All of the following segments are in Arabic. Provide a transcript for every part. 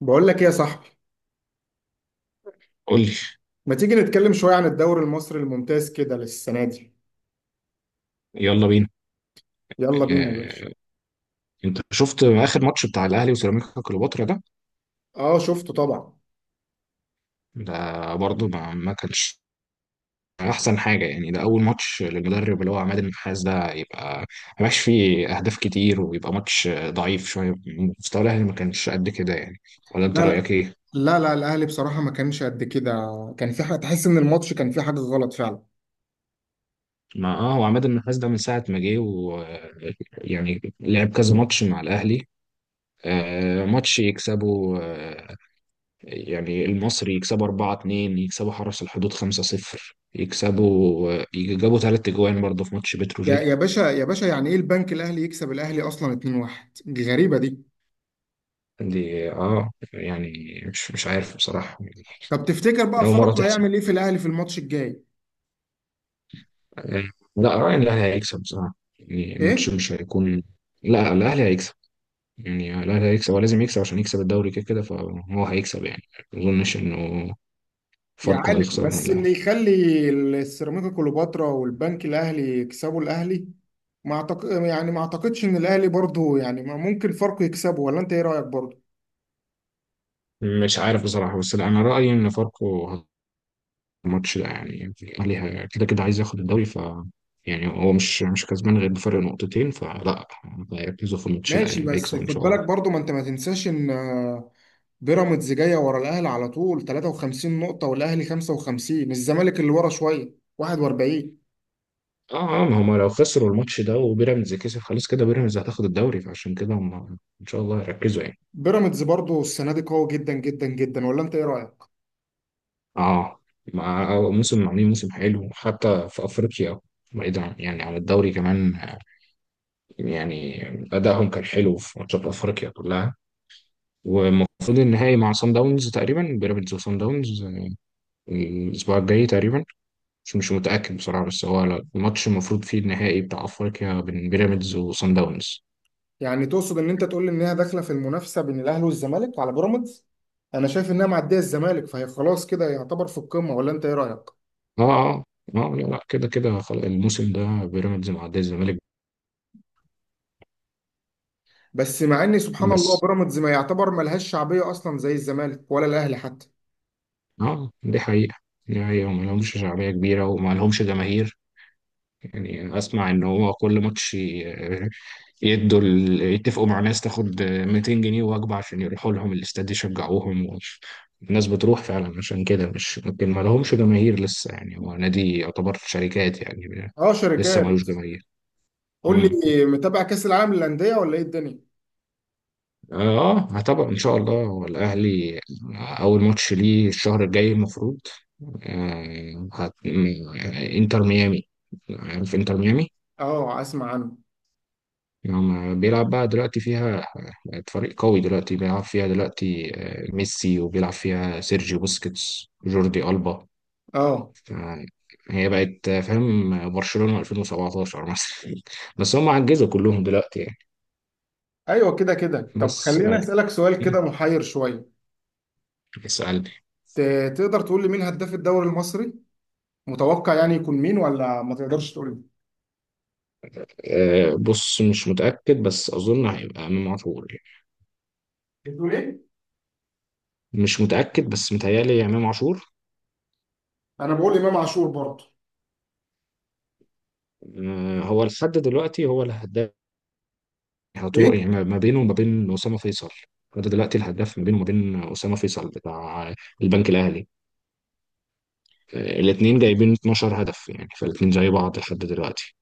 بقول لك ايه يا صاحبي، قول لي. ما تيجي نتكلم شوية عن الدوري المصري الممتاز كده للسنة دي؟ يلا بينا. يلا بينا يا باشا. آه، انت شفت اخر ماتش بتاع الاهلي وسيراميكا كليوباترا ده. اه، شفته طبعا. ده برضه ما كانش احسن حاجه، يعني ده اول ماتش للمدرب اللي هو عماد النحاس ده، يبقى ما بقاش فيه اهداف كتير ويبقى ماتش ضعيف شويه. مستوى الاهلي ما كانش قد كده يعني. ولا انت لا لا، رايك ايه؟ لا لا، الاهلي بصراحة ما كانش قد كده. كان في حاجة تحس ان الماتش كان فيه حاجة غلط فعلا. ما هو عماد النحاس ده من ساعه ما جه، و يعني لعب كذا ماتش مع الاهلي. ماتش يكسبه، يعني المصري يكسبوا 4-2، يكسبوا حرس الحدود 5-0، يكسبوا يجابوا ثلاث اجوان برضه في ماتش يا بتروجيت. يا باشا، يا باشا، يعني ايه البنك الاهلي يكسب الاهلي اصلا 2-1؟ دي غريبة دي. دي اه يعني مش عارف بصراحة يعني. طب تفتكر بقى أول مرة فاروق تحصل. هيعمل ايه في الاهلي في الماتش الجاي؟ آه، لا رأيي إن الأهلي هيكسب بصراحة، يعني الماتش ايه؟ مش هيكون. لا، الأهلي هيكسب، يعني الأهلي هيكسب، هو لازم يكسب عشان يكسب الدوري كده كده، فهو هيكسب يعني. ما أظنش إنه يا فاركو عالم، هيخسر من بس الأهلي. اللي يخلي السيراميكا كليوباترا والبنك الاهلي يكسبوا الاهلي. ما أعتق... يعني ما اعتقدش ان الاهلي برضه، يعني ما ممكن فرق يكسبه. ولا انت ايه رايك برضه؟ مش عارف بصراحة، بس لا، أنا رأيي إن فاركو، الماتش ده يعني الأهلي كده كده عايز ياخد الدوري، ف يعني هو مش كسبان غير بفرق نقطتين، فلا، هيركزوا في الماتش ده ماشي، يعني بس هيكسب ان خد شاء الله. بالك برضه، ما انت ما تنساش ان بيراميدز جايه ورا الاهلي على طول، 53 نقطه، والاهلي 55، الزمالك اللي ورا شويه 41. اه اه، ما هم لو خسروا الماتش ده وبيراميدز كسب خلاص، كده بيراميدز هتاخد الدوري، فعشان كده هم ان شاء الله هيركزوا يعني. بيراميدز برضه السنه دي قوي جدا جدا جدا، ولا انت ايه رايك؟ اه، مع موسم عاملين موسم حلو حتى في افريقيا. يعني عن الدوري كمان، يعني ادائهم كان حلو في ماتشات افريقيا كلها. والمفروض النهائي مع سان داونز، تقريبا بيراميدز وسان داونز الاسبوع الجاي تقريبا. مش متأكد بصراحة، بس هو الماتش المفروض فيه النهائي بتاع أفريقيا بين بيراميدز وصن داونز. يعني تقصد ان انت تقول لي انها داخله في المنافسه بين الاهلي والزمالك على بيراميدز؟ انا شايف انها معديه الزمالك، فهي خلاص كده يعتبر في القمه، ولا انت ايه رايك؟ اه اه. اه، لا لا، كده كده خلاص الموسم ده بيراميدز معدي الزمالك. بس مع ان سبحان الله بس بيراميدز ما يعتبر ملهاش شعبيه اصلا زي الزمالك ولا الاهلي حتى. اه، دي حقيقة. دي حقيقة، وما لهمش شعبية كبيرة وما لهمش جماهير. يعني أسمع إن هو كل ماتش يتفقوا مع ناس تاخد 200 جنيه وجبة عشان يروحوا لهم الاستاد يشجعوهم و... الناس بتروح فعلا، عشان كده مش ممكن ما لهمش جماهير لسه، يعني هو نادي يعتبر شركات يعني. اه، لسه ملوش شركات. جماهير. قول مم. لي، متابع كاس العالم للانديه ولا ايه الدنيا؟ اه، هتابع ان شاء الله، هو الاهلي اول ماتش ليه الشهر الجاي المفروض آه هت... م- انتر ميامي. عارف انتر ميامي. اه، اسمع عنه. نعم، بيلعب بقى دلوقتي فيها فريق قوي دلوقتي، بيلعب فيها دلوقتي ميسي، وبيلعب فيها سيرجيو بوسكيتس، جوردي ألبا. اه، ف- هي بقت فاهم، برشلونة 2017 مثلا بس هم عجزوا كلهم دلوقتي يعني. ايوه، كده كده. طب بس خليني آه، اسالك سؤال كده محير شويه. اسألني. تقدر تقول لي مين هداف الدوري المصري؟ متوقع يعني يكون مين، ولا ما تقدرش تقول لي؟ بص مش متأكد، بس أظن هيبقى إمام عاشور يعني. بتقول ايه؟ مش متأكد، بس متهيألي إمام عاشور. انا بقول امام عاشور برضه. هو لحد دلوقتي هو الهداف، يحطوا ايه؟ له يعني، ما بينه وما بين أسامة فيصل. فده دلوقتي الهداف، ما بينه وما بين أسامة فيصل بتاع البنك الأهلي. الاثنين جايبين 12 هدف يعني، فالاثنين زي بعض لحد دلوقتي.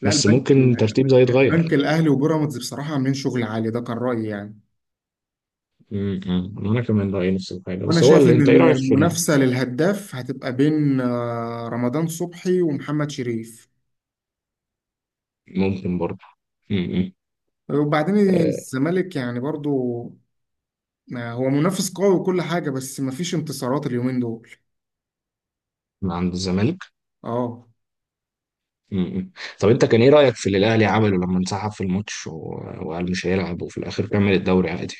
لا. بس البنك ممكن ترتيب ده يتغير. البنك الاهلي وبيراميدز بصراحه عاملين شغل عالي، ده كان رايي يعني. م- م. انا كمان رايي نفس الحاجه، وانا بس هو شايف اللي ان انت ايه رايك في المنافسه للهداف هتبقى بين رمضان صبحي ومحمد شريف. ممكن برضه. م- م. وبعدين آه، الزمالك يعني برضو هو منافس قوي وكل حاجه، بس مفيش انتصارات اليومين دول. من عند الزمالك. اه، م- م. طب انت كان ايه رايك في اللي الاهلي عمله لما انسحب في الماتش وقال مش هيلعب، وفي الاخر كمل الدوري عادي.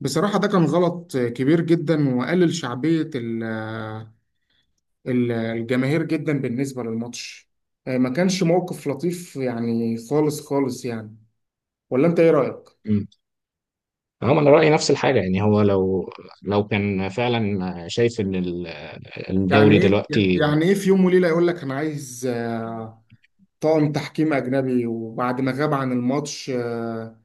بصراحه ده كان غلط كبير جدا، وقلل شعبيه الجماهير جدا بالنسبه للماتش. ما كانش موقف لطيف يعني، خالص خالص يعني. ولا انت ايه رايك؟ هم انا رايي نفس الحاجه، يعني هو لو كان فعلا شايف ان ده يعني الدوري ايه؟ دلوقتي يعني ايه في يوم وليله يقول لك انا عايز طاقم تحكيم أجنبي، وبعد ما غاب عن الماتش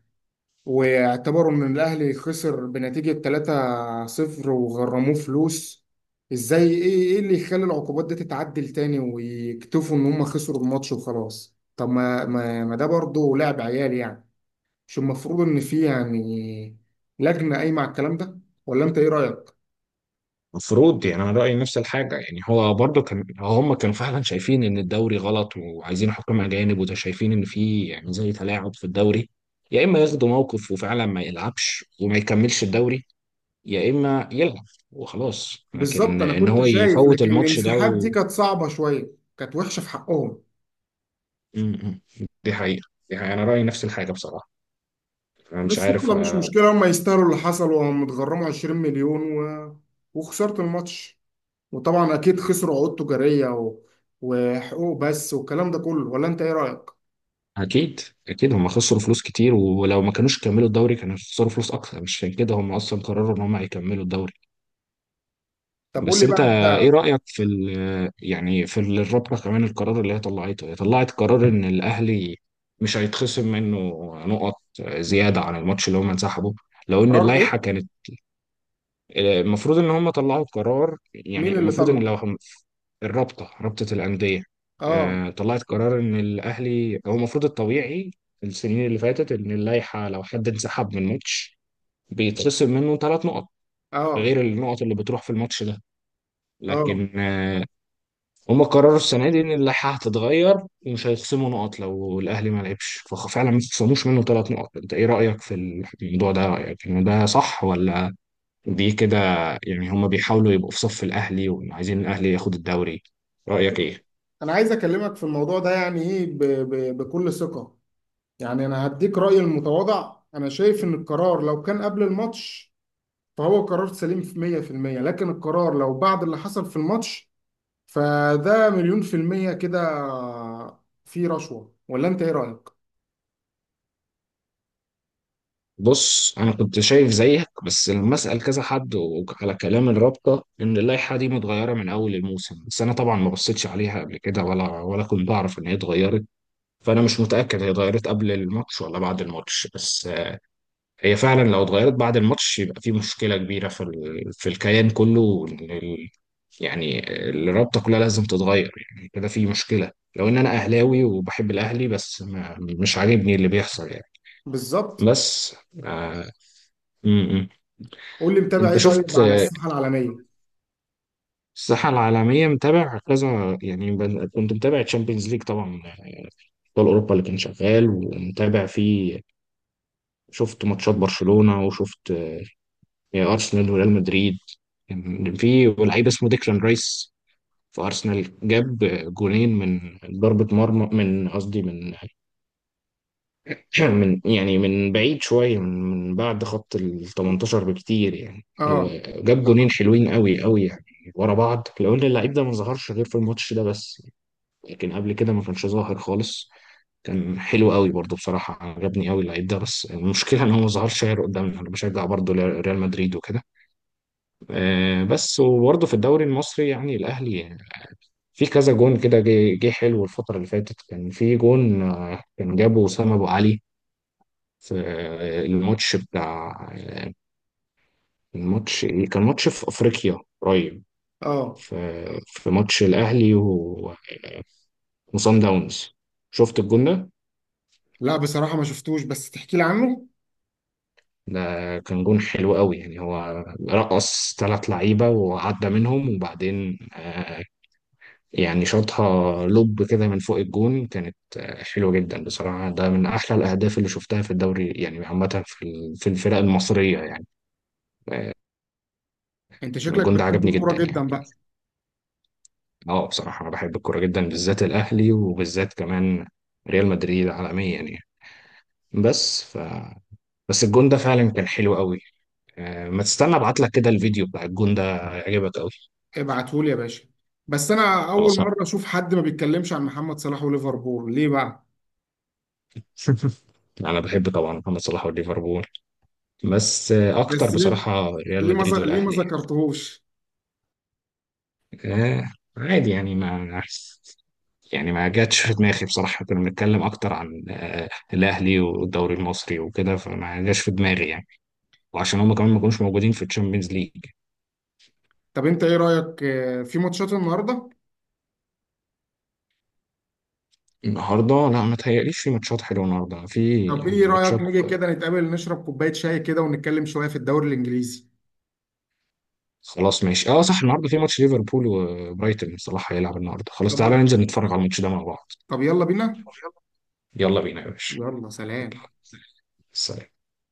واعتبروا إن الأهلي خسر بنتيجة 3-0 وغرموه فلوس. إزاي؟ إيه اللي يخلي العقوبات دي تتعدل تاني، ويكتفوا إن هم خسروا الماتش وخلاص؟ طب ما ده برضه لعب عيال يعني. مش المفروض إن في يعني لجنة قايمة على الكلام ده؟ ولا أنت إيه رأيك؟ مفروض، يعني انا رايي نفس الحاجه، يعني هو برضو كان، هم كانوا فعلا شايفين ان الدوري غلط وعايزين حكام اجانب، وده شايفين ان في يعني زي تلاعب في الدوري، يا اما ياخدوا موقف وفعلا ما يلعبش وما يكملش الدوري، يا اما يلعب وخلاص، بالظبط، لكن أنا ان كنت هو شايف. يفوت لكن الماتش ده الانسحاب دي و... كانت صعبة شوية، كانت وحشة في حقهم. م- م. دي حقيقه، دي حقيقه، انا رايي نفس الحاجه بصراحه. انا مش بس عارف. يلا، مش مشكلة، هم يستاهلوا اللي حصل، وهم اتغرموا 20 مليون و... وخسرت الماتش. وطبعا أكيد خسروا عقود تجارية و... وحقوق بس، والكلام ده كله. ولا أنت إيه رأيك؟ اكيد. اكيد هم خسروا فلوس كتير، ولو ما كانوش كملوا الدوري كانوا خسروا فلوس اكتر، مش عشان كده هم اصلا قرروا ان هم هيكملوا الدوري. طب قول بس لي بقى انت ايه أنت. رايك في ال- يعني في ال- الرابطه كمان، القرار اللي هي طلعته؟ هي طلعت قرار ان الاهلي مش هيتخصم منه نقط زياده عن الماتش اللي هم انسحبوا، لو ان قرار إيه؟ اللائحه كانت المفروض ان هم طلعوا قرار، مين يعني اللي المفروض ان طلع؟ لو الرابطه، رابطه الانديه، آه. طلعت قرار ان الاهلي، هو المفروض الطبيعي في السنين اللي فاتت ان اللائحه، لو حد انسحب من ماتش بيتخصم منه ثلاث نقط آه. غير النقط اللي بتروح في الماتش ده، آه. لكن هم قرروا السنه دي ان اللائحه هتتغير، ومش هيخصموا نقط لو الاهلي ما لعبش، ففعلا ما خصموش منه ثلاث نقط. انت ايه رايك في الموضوع ده؟ رايك ان ده صح ولا دي كده، يعني هم بيحاولوا يبقوا في صف الاهلي وعايزين الاهلي ياخد الدوري؟ رايك ايه؟ أنا عايز أكلمك في الموضوع ده يعني إيه، بكل ثقة. يعني أنا هديك رأيي المتواضع، أنا شايف إن القرار لو كان قبل الماتش فهو قرار سليم في 100%، لكن القرار لو بعد اللي حصل في الماتش فده مليون في المية كده في رشوة. ولا انت ايه رأيك؟ بص انا كنت شايف زيك، بس لما اسال كذا حد على كلام الرابطه ان اللائحه دي متغيره من اول الموسم، بس انا طبعا ما بصيتش عليها قبل كده، ولا كنت اعرف ان هي اتغيرت، فانا مش متاكد هي اتغيرت قبل الماتش ولا بعد الماتش، بس هي فعلا لو اتغيرت بعد الماتش يبقى في مشكله كبيره في في الكيان كله، وإن يعني الرابطه كلها لازم تتغير، يعني كده في مشكله. لو ان انا اهلاوي وبحب الاهلي، بس ما... مش عاجبني اللي بيحصل يعني. بالظبط. بس آه... م- م. قول لي، متابع انت ايه طيب شفت على الساحة العالمية؟ الساحه العالميه، متابع كذا يعني، كنت متابع تشامبيونز ليج طبعا، ابطال اوروبا اللي كان شغال، ومتابع فيه، شفت ماتشات برشلونه، وشفت ارسنال وريال مدريد. كان في لعيب اسمه ديكلان رايس في ارسنال، جاب جونين من ضربه مرمى، من قصدي من من يعني من بعيد شويه، من بعد خط ال 18 بكتير يعني، اه، وجاب جونين حلوين قوي قوي يعني ورا بعض. لو ان اللعيب ده ما ظهرش غير في الماتش ده بس، لكن قبل كده ما كانش ظاهر خالص. كان حلو قوي برضه بصراحة، عجبني قوي اللعيب ده، بس المشكلة ان هو ما ظهرش غير قدامنا. انا بشجع برضه ريال مدريد وكده بس، وبرضه في الدوري المصري يعني الاهلي في كذا جون كده جه حلو الفترة اللي فاتت. كان في جون كان جابه أسامة أبو علي في الماتش بتاع، الماتش إيه؟ كان ماتش في أفريقيا قريب، اه، في في ماتش الأهلي وصن داونز. شفت الجون ده؟ لا بصراحة ما شفتوش، بس تحكي لي عنه. ده كان جون حلو قوي يعني، هو رقص ثلاث لعيبة وعدى منهم، وبعدين يعني شاطها لوب كده من فوق، الجون كانت حلوة جدا بصراحة، ده من أحلى الأهداف اللي شفتها في الدوري يعني، عامة في الفرق المصرية يعني. انت شكلك الجون ده بتحب عجبني الكورة جدا يعني. جدا بقى. اه بصراحة، أنا بحب الكورة جدا، بالذات الأهلي، وبالذات كمان ريال مدريد عالميا يعني. بس ف بس الجون ده فعلا كان حلو قوي. ما تستنى ابعت لك كده الفيديو بتاع الجون ده، هيعجبك قوي. ابعتهولي يا باشا. بس انا خلاص اول مرة اشوف حد ما بيتكلمش عن محمد صلاح وليفربول، ليه بقى؟ انا بحب طبعا محمد صلاح والليفربول، بس اكتر بس ليه؟ بصراحه ريال ليه ما ز- مدريد ليه ما والاهلي. ذكرتهوش؟ يعني. عادي يعني ما، يعني ما جاتش في دماغي بصراحه، كنا بنتكلم اكتر عن الاهلي والدوري المصري وكده، فما جاش في دماغي يعني، وعشان هم كمان ما كانوش موجودين في الشامبيونز ليج. طب انت ايه رأيك في ماتشات النهاردة؟ النهارده لا، ما تهيأليش في ماتشات حلوه النهارده، في طب ايه يعني رأيك ماتشات نيجي كده نتقابل، نشرب كوباية شاي كده، ونتكلم شوية في الدوري الإنجليزي؟ خلاص ماشي. اه صح، النهارده في ماتش ليفربول وبرايتون، صلاح هيلعب النهارده، طب خلاص تعالى ما ننزل نتفرج على الماتش ده مع بعض. طب يلا بينا. يلا بينا يا باشا. يلا سلام. سلام.